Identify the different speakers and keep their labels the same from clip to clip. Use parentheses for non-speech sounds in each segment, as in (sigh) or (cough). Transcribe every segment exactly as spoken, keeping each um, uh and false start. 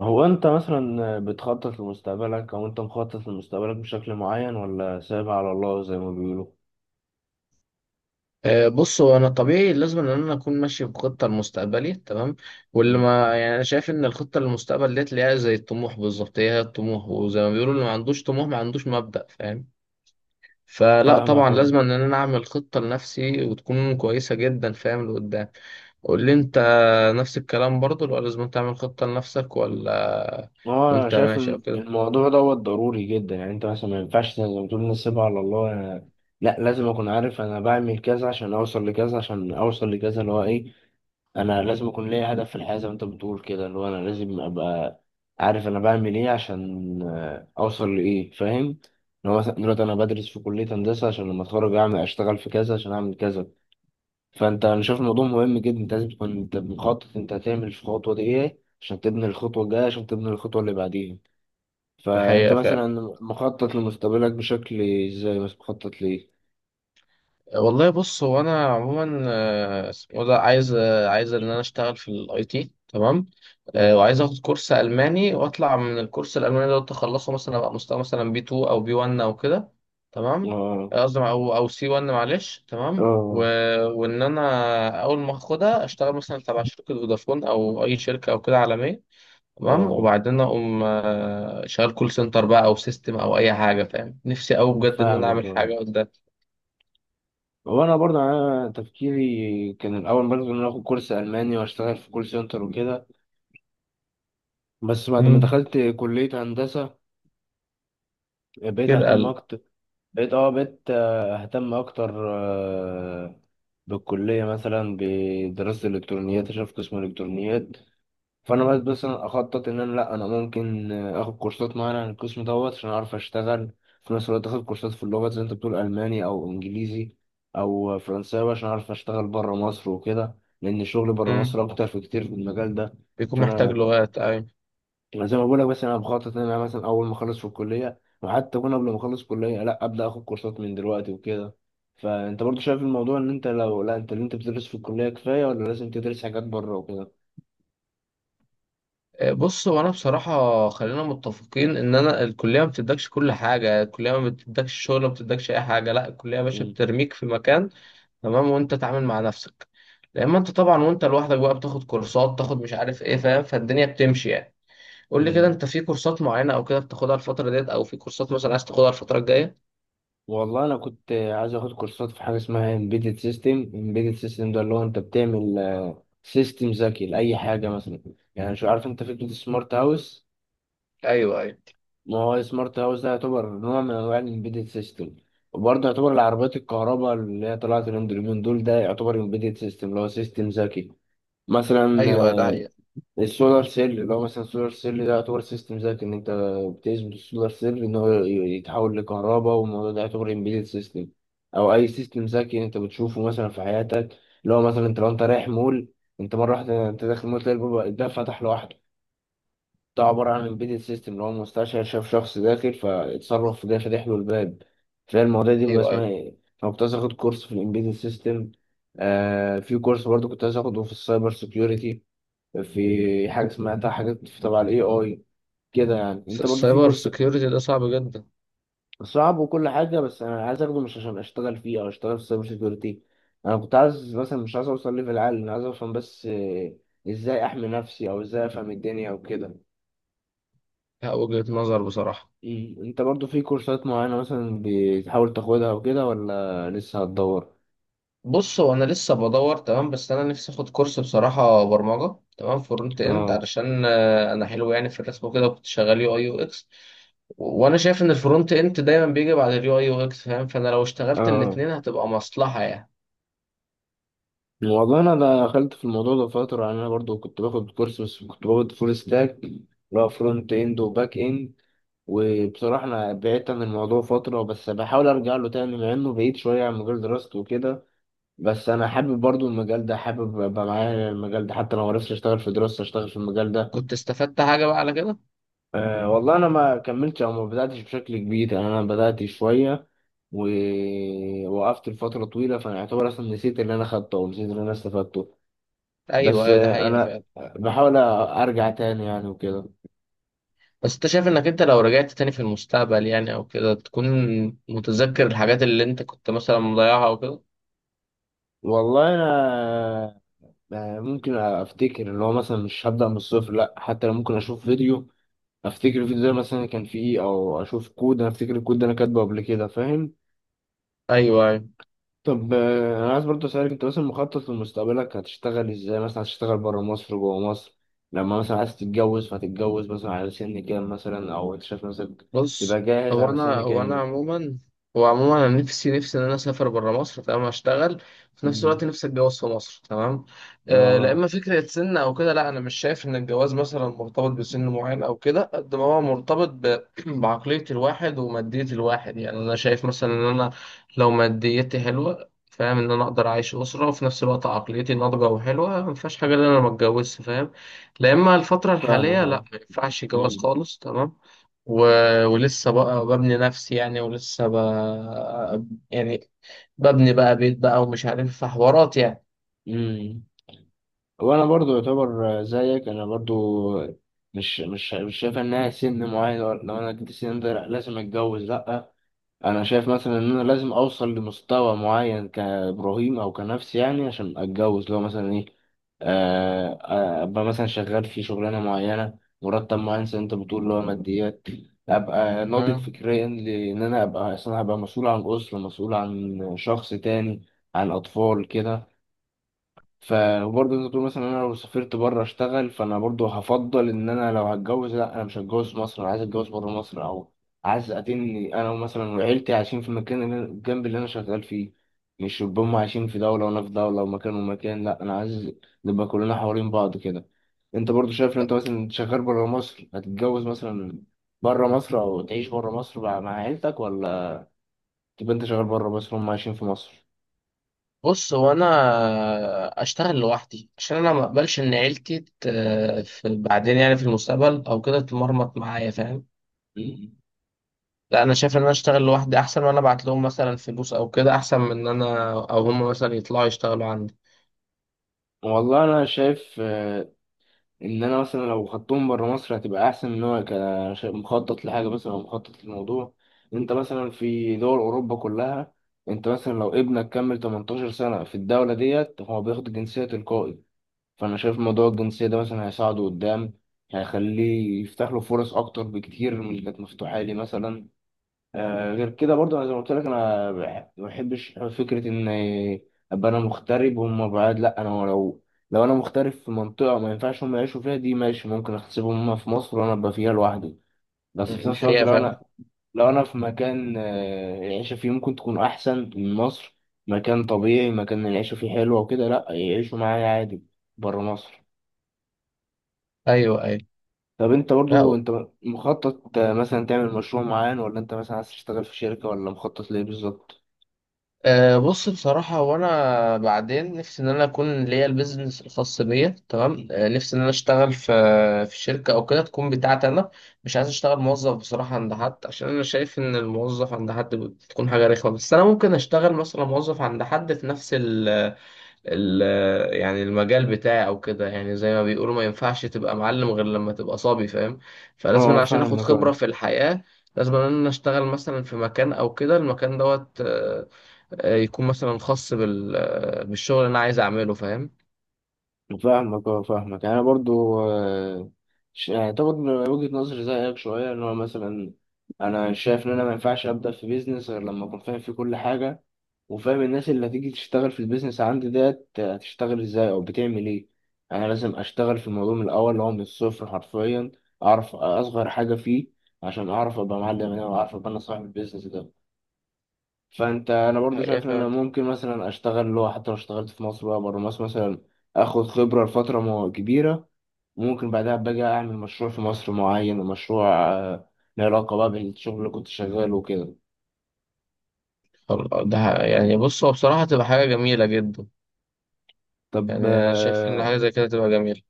Speaker 1: هو انت مثلا بتخطط لمستقبلك او انت مخطط لمستقبلك بشكل معين، ولا سايبها على الله زي ما بيقولوا؟
Speaker 2: آه، بص، هو انا طبيعي لازم ان انا اكون ماشي بخطه لمستقبلي. تمام. واللي
Speaker 1: مم.
Speaker 2: ما يعني، انا شايف ان الخطه للمستقبل ديت اللي هي زي الطموح بالظبط، هي هي الطموح. وزي ما بيقولوا، اللي ما عندوش طموح ما عندوش مبدأ، فاهم. فلا طبعا
Speaker 1: فاهمك اهو.
Speaker 2: لازم ان انا اعمل خطه لنفسي وتكون كويسه جدا، فاهم، لقدام. قول لي انت. نفس الكلام برضو، ولا لازم تعمل خطه لنفسك، ولا
Speaker 1: هو انا
Speaker 2: وانت
Speaker 1: شايف
Speaker 2: ماشي او
Speaker 1: ان
Speaker 2: كده؟
Speaker 1: الموضوع دوت ضروري جدا، يعني انت مثلا ما ينفعش زي ما بتقول نسيبها على الله. أنا- لا، لازم اكون عارف انا بعمل كذا عشان اوصل لكذا عشان اوصل لكذا اللي هو ايه. انا لازم اكون ليا هدف في الحياه زي ما انت بتقول كده، اللي هو انا لازم ابقى عارف انا بعمل ايه عشان آه، اوصل لايه، فاهم؟ ان هو مثلا دلوقتي انا بدرس في كليه هندسه عشان لما اتخرج اعمل اشتغل في كذا عشان اعمل كذا. فانت، انا شايف الموضوع مهم جدا، انت لازم تكون انت مخطط انت هتعمل في الخطوه دي ايه عشان تبني الخطوه الجايه عشان تبني الخطوه اللي بعديها. فانت
Speaker 2: الحقيقه فعلا.
Speaker 1: مثلا مخطط لمستقبلك بشكل ازاي؟ بس مخطط ليه؟
Speaker 2: والله، بص، هو انا عموما آه، اسمه ده، عايز آه، عايز ان انا اشتغل في الاي تي. تمام. آه،
Speaker 1: مم.
Speaker 2: وعايز اخد كورس الماني واطلع من الكورس الالماني ده، اخلصه مثلا ابقى مستوى مثلا بي اتنين او بي واحد او كده. تمام.
Speaker 1: اه.
Speaker 2: آه، قصدي او او سي واحد، معلش. تمام و...
Speaker 1: اه.
Speaker 2: وان انا اول ما اخدها اشتغل مثلا تبع شركه فودافون او اي شركه او كده عالميه. تمام.
Speaker 1: اه.
Speaker 2: وبعدين اقوم آه، شغال كول سنتر بقى، او سيستم، او اي حاجه، فاهم. نفسي قوي بجد ان انا
Speaker 1: فاهمك،
Speaker 2: اعمل
Speaker 1: اه.
Speaker 2: حاجه قدام.
Speaker 1: هو انا برضه يعني انا تفكيري كان الاول برضه ان انا اخد كورس الماني واشتغل في كول سنتر وكده. بس بعد ما
Speaker 2: مم.
Speaker 1: دخلت كليه هندسه بقيت
Speaker 2: كده.
Speaker 1: اهتم اكتر بقيت اه بقيت آه، اهتم اكتر آه، بالكليه مثلا بدراسه الالكترونيات عشان في قسم الالكترونيات. فانا بس مثلا اخطط ان انا لا انا ممكن آه، اخد كورسات معينه عن القسم دوت عشان اعرف اشتغل في نفس الوقت اخد كورسات في اللغات زي انت بتقول الماني او انجليزي او فرنساوي عشان اعرف اشتغل بره مصر وكده، لان الشغل بره
Speaker 2: مم.
Speaker 1: مصر اكتر، في كتير في المجال ده.
Speaker 2: بيكون محتاج
Speaker 1: فانا
Speaker 2: لغات، أيوة.
Speaker 1: أنا زي ما بقول لك، بس انا بخطط ان انا مثلا اول ما اخلص في الكليه، وحتى اكون قبل ما اخلص كليه، لا ابدا اخد كورسات من دلوقتي وكده. فانت برضو شايف الموضوع، ان انت لو لا انت اللي انت بتدرس في الكليه كفايه، ولا لازم تدرس حاجات بره وكده؟
Speaker 2: آه، بص، هو أنا بصراحة، خلينا متفقين إن أنا الكلية ما بتدكش كل حاجة، الكلية ما بتدكش شغل، ما بتدكش أي حاجة. لا، الكلية يا باشا بترميك في مكان. تمام. وأنت تتعامل مع نفسك. لأما أنت طبعا وأنت لوحدك بقى بتاخد كورسات، تاخد مش عارف إيه، فاهم، فالدنيا بتمشي يعني. قول لي كده،
Speaker 1: امم
Speaker 2: أنت في كورسات معينة أو كده بتاخدها الفترة ديت، أو في كورسات مثلا عايز تاخدها الفترة الجاية؟
Speaker 1: والله انا كنت عايز اخد كورسات في حاجه اسمها embedded system. embedded system ده اللي هو انت بتعمل سيستم ذكي لاي حاجه مثلا. يعني شو عارف انت فكره السمارت هاوس؟
Speaker 2: أيوة، أيوة.
Speaker 1: ما هو سمارت هاوس ده يعتبر نوع من انواع الامبيدد سيستم. وبرضه يعتبر العربيات الكهرباء اللي هي طلعت اليومين دول، ده يعتبر امبيدد سيستم اللي هو سيستم ذكي. مثلا
Speaker 2: أيوة، ده
Speaker 1: آه،
Speaker 2: هي.
Speaker 1: السولار سيل، اللي هو مثلا السولار سيل ده يعتبر سيستم ذكي، ان انت بتثبت السولار سيل ان هو ي- يتحول لكهرباء. والموضوع ده يعتبر امبيدد سيستم، او اي سيستم ذكي انت بتشوفه مثلا في حياتك. اللي هو مثلا انت لو انت رايح مول، انت مره واحده انت داخل مول، تلاقي الباب- الباب فتح لوحده. ده عباره عن امبيدد سيستم، اللي هو المستشعر شاف شخص داخل فاتصرف في ده فتح له الباب. فالمواضيع دي بيبقى
Speaker 2: أيوة،
Speaker 1: اسمها
Speaker 2: أيوة.
Speaker 1: ايه. انا كنت عايز اخد كورس في الامبيدد سيستم. آه في كورس برضه كنت عايز اخده في السايبر سيكيورتي. في حاجة سمعتها، حاجات في تبع الاي اي كده، يعني انت برضو في
Speaker 2: السايبر
Speaker 1: كورس.
Speaker 2: سيكيورتي ده صعب جدا.
Speaker 1: صعب وكل حاجة، بس انا عايز اخده مش عشان اشتغل فيه او اشتغل في سايبر سيكيورتي. انا كنت عايز مثلا، مش عايز اوصل ليفل عالي، انا عايز افهم بس آه، ازاي احمي نفسي او ازاي افهم الدنيا وكده.
Speaker 2: لا، وجهة نظر بصراحة.
Speaker 1: إيه، انت برضو في كورسات معينة مثلا بتحاول تاخدها وكده، ولا لسه هتدور؟
Speaker 2: بص، هو انا لسه بدور، تمام، بس انا نفسي اخد كورس بصراحه برمجه، تمام، فرونت اند،
Speaker 1: اه.
Speaker 2: علشان آه، انا حلو يعني في الرسم وكده، كنت شغال يو اي يو اكس. وانا شايف ان الفرونت اند دايما بيجي بعد اليو اي يو اكس، فاهم، فانا لو اشتغلت
Speaker 1: اه.
Speaker 2: الاتنين هتبقى مصلحه يعني.
Speaker 1: والله انا دخلت في الموضوع ده فترة يعني. انا برضو كنت باخد كورس، بس كنت باخد فول ستاك، اللي هو فرونت اند وباك اند. وبصراحة أنا بعدت عن الموضوع فترة، بس بحاول أرجع له تاني، مع إنه بعيد شوية عن مجال دراستي وكده. بس أنا حابب برضو المجال ده، حابب أبقى معايا المجال ده، حتى لو معرفتش أشتغل في دراستي أشتغل في المجال ده.
Speaker 2: كنت استفدت حاجه بقى على كده؟
Speaker 1: أه، والله أنا ما كملتش أو ما بدأتش بشكل كبير، يعني أنا بدأت شوية ووقفت لفترة طويلة، فأنا أعتبر أصلا نسيت اللي أنا خدته أو نسيت اللي أنا استفدته.
Speaker 2: ايوه،
Speaker 1: بس
Speaker 2: ايوه، ده
Speaker 1: آه،
Speaker 2: حقيقه
Speaker 1: أنا
Speaker 2: فعلا.
Speaker 1: بحاول أرجع تاني يعني وكده.
Speaker 2: بس انت شايف انك انت لو رجعت تاني في المستقبل، يعني او كده، تكون متذكر الحاجات اللي انت كنت مثلا مضيعها او كده؟
Speaker 1: والله أنا آه، ممكن افتكر، اللي هو مثلا مش هبدأ من الصفر، لا، حتى لو ممكن اشوف فيديو افتكر الفيديو ده مثلا كان فيه ايه، او اشوف كود انا افتكر الكود ده انا كاتبه قبل كده، فاهم.
Speaker 2: ايوه، أيوة.
Speaker 1: طب آه، انا عايز برضه اسالك، انت مثلا مخطط لمستقبلك هتشتغل ازاي، مثلا هتشتغل بره مصر جوه مصر؟ لما مثلا عايز تتجوز، فهتتجوز مثلا على سن كام، مثلا، او انت شايف نفسك تبقى
Speaker 2: بص،
Speaker 1: جاهز
Speaker 2: هو
Speaker 1: على
Speaker 2: انا
Speaker 1: سن
Speaker 2: هو انا
Speaker 1: كام؟
Speaker 2: عموما هو عموما انا نفسي نفسي ان انا اسافر بره مصر. تمام، اشتغل. في نفس الوقت
Speaker 1: امم
Speaker 2: نفسي اتجوز في مصر. تمام. آه لا،
Speaker 1: اه،
Speaker 2: اما فكره سن او كده، لا، انا مش شايف ان الجواز مثلا مرتبط بسن معين، او كده قد ما هو مرتبط ب... (clears throat) بعقليه الواحد وماديه الواحد. يعني انا شايف مثلا ان انا، لو ماديتي حلوه، فاهم، ان انا اقدر اعيش اسره، وفي نفس الوقت عقليتي ناضجه وحلوه، ما فيهاش حاجه ان انا ما اتجوزش، فاهم. لا، اما الفتره
Speaker 1: فاهمك،
Speaker 2: الحاليه، لا،
Speaker 1: اه.
Speaker 2: ما ينفعش جواز
Speaker 1: مم.
Speaker 2: خالص. تمام و... ولسه بقى ببني نفسي، يعني، ولسه ب... يعني، ببني بقى بيت بقى، ومش عارف حوارات يعني.
Speaker 1: مم. وانا برضو يعتبر زيك، انا برضو مش مش مش شايف انها سن معين، لو لو انا جبت السن ده، لأ، لازم اتجوز، لا. انا شايف مثلا ان انا لازم اوصل لمستوى معين كابراهيم او كنفسي يعني عشان اتجوز. لو مثلا ايه، آه، آه، ابقى مثلا شغال في شغلانه معينه، مرتب معين، زي انت بتقول اللي هو ماديات، ابقى ناضج
Speaker 2: مم.
Speaker 1: فكريا، لان انا ابقى اصلا هبقى مسؤول عن اسره، مسؤول عن شخص تاني، عن اطفال كده. فبرضه انت تقول مثلا انا لو سافرت بره اشتغل، فانا برضه هفضل ان انا لو هتجوز، لا، انا مش هتجوز في مصر، انا عايز اتجوز بره مصر، او عايز اتني انا مثلا وعيلتي عايشين في المكان اللي أنا- الجنب اللي انا شغال فيه. مش يبقى هم عايشين في دولة وانا في دولة ومكان ومكان، لا، انا عايز نبقى كلنا حوالين بعض كده. انت برضه شايف ان انت مثلا شغال بره مصر هتتجوز مثلا بره مصر، او تعيش بره مصر مع مع عيلتك، ولا تبقى انت شغال بره مصر هم عايشين في مصر؟
Speaker 2: بص، هو انا اشتغل لوحدي عشان انا ما اقبلش ان عيلتي ت... في بعدين، يعني في المستقبل او كده، تمرمط معايا، فاهم.
Speaker 1: مم.
Speaker 2: لا، انا شايف ان انا اشتغل لوحدي احسن، وانا ابعت لهم مثلا فلوس او كده، احسن من ان انا او هم مثلا يطلعوا يشتغلوا عندي.
Speaker 1: والله انا شايف ان انا مثلا لو خدتهم بره مصر هتبقى احسن، ان هو ك- ش- مخطط لحاجه مثلا او مخطط للموضوع. انت مثلا في دول اوروبا كلها، انت مثلا لو ابنك كمل تمنتاشر سنه في الدوله ديت هو بياخد جنسيه تلقائي. فانا شايف موضوع الجنسيه ده مثلا هيساعده قدام، هيخليه يفتح له فرص اكتر بكتير من اللي كانت مفتوحه لي مثلا. آه، غير كده برضه انا زي ما قلت لك، انا بح- ما بحبش فكره ان ابقى انا مغترب وهم بعاد. لا، انا لو لو انا مغترب في منطقه ما ينفعش هم يعيشوا فيها، دي ماشي، ممكن احسبهم هم في مصر وانا ابقى فيها لوحدي.
Speaker 2: مم،
Speaker 1: بس في نفس الوقت
Speaker 2: الحقيقة
Speaker 1: لو
Speaker 2: فعلا.
Speaker 1: انا لو انا في مكان آه، العيشه فيه ممكن تكون احسن من مصر، مكان طبيعي، مكان العيشه فيه حلوه وكده، لا يعيشوا معايا عادي بره مصر.
Speaker 2: ايوه، ايوه.
Speaker 1: طب انت برضو
Speaker 2: لا.
Speaker 1: انت مخطط آه، مثلا تعمل مشروع معين، ولا انت مثلا عايز تشتغل في شركه، ولا مخطط ليه بالظبط؟
Speaker 2: أه بص، بصراحة، وأنا بعدين نفسي إن أنا أكون ليا البيزنس الخاص بيا. تمام. أه نفسي إن أنا أشتغل في في شركة أو كده تكون بتاعتي أنا. مش عايز أشتغل موظف بصراحة عند حد، عشان أنا شايف إن الموظف عند حد بتكون حاجة رخمة، بس أنا ممكن أشتغل مثلا موظف عند حد في نفس ال ال يعني المجال بتاعي أو كده. يعني زي ما بيقولوا، ما ينفعش تبقى معلم غير لما تبقى صبي، فاهم. فلازم
Speaker 1: اه،
Speaker 2: أنا، عشان آخد
Speaker 1: فاهمك، اه.
Speaker 2: خبرة في الحياة، لازم إن أنا أشتغل مثلا في مكان أو كده. المكان دوت آه، يكون مثلا خاص بال... آه، بالشغل اللي انا عايز اعمله، فاهم.
Speaker 1: فاهمك، اه. فاهمك، يعني انا برضو آه، ش- يعني طبعا وجهة نظري زيك شوية، ان هو مثلا انا شايف ان انا ما ينفعش ابدا في بيزنس غير لما اكون فاهم فيه كل حاجة، وفاهم الناس اللي هتيجي تشتغل في البيزنس عندي ديت هتشتغل ازاي او بتعمل ايه. يعني انا لازم اشتغل في الموضوع من الاول، اللي هو من الصفر حرفيا، اعرف اصغر حاجة فيه، عشان اعرف ابقى معلم انا، واعرف ابقى انا صاحب البيزنس ده. فانت انا برضو
Speaker 2: الحقيقه
Speaker 1: شايف ان انا
Speaker 2: فعلا.
Speaker 1: ممكن مثلا اشتغل، اللي هو حتى لو اشتغلت في مصر، بقى بره مصر مثلا اخد خبره لفتره مو- كبيره. ممكن بعدها باجي اعمل مشروع في مصر معين، ومشروع آه، له علاقه بقى بالشغل اللي كنت شغاله وكده.
Speaker 2: خل- ده ح- يعني، بص، هو بصراحه تبقى حاجه جميله جدا.
Speaker 1: طب
Speaker 2: يعني انا شايف ان
Speaker 1: آه،
Speaker 2: حاجه زي كده تبقى جميله.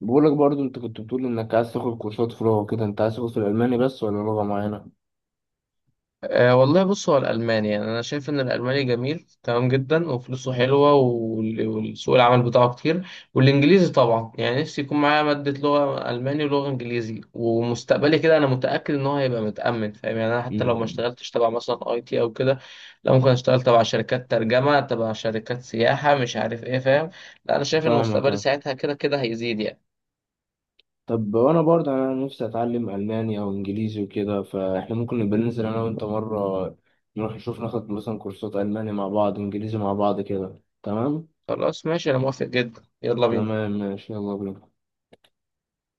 Speaker 1: بقولك برضو، انت كنت بتقول انك عايز تاخد كورسات في لغه كده، انت عايز تاخد في الالماني بس، ولا لغه معينه؟
Speaker 2: أه والله، بص، هو الألماني، يعني أنا شايف إن الألماني جميل تمام، جدا وفلوسه حلوة، وال- والسوق العمل بتاعه كتير. والإنجليزي طبعا، يعني نفسي يكون معايا مادة لغة ألماني ولغة إنجليزي، ومستقبلي كده أنا متأكد إن هو هيبقى متأمن، فاهم. يعني أنا حتى لو ما
Speaker 1: مم.
Speaker 2: اشتغلتش تبع مثلا أي تي أو كده، لا، ممكن أشتغل تبع شركات ترجمة، تبع شركات سياحة، مش عارف إيه، فاهم. لا، أنا شايف إن
Speaker 1: فاهمك.
Speaker 2: مستقبلي ساعتها كده كده هيزيد يعني.
Speaker 1: طب وانا برضه يعني انا نفسي اتعلم الماني او انجليزي وكده، فاحنا ممكن نبقى ننزل انا وانت مره، نروح نشوف ناخد مثلا كورسات الماني مع بعض، انجليزي مع بعض كده، تمام.
Speaker 2: خلاص، ماشي، أنا موافق جدا، يلا بينا.
Speaker 1: تمام ماشي، يلا بينا.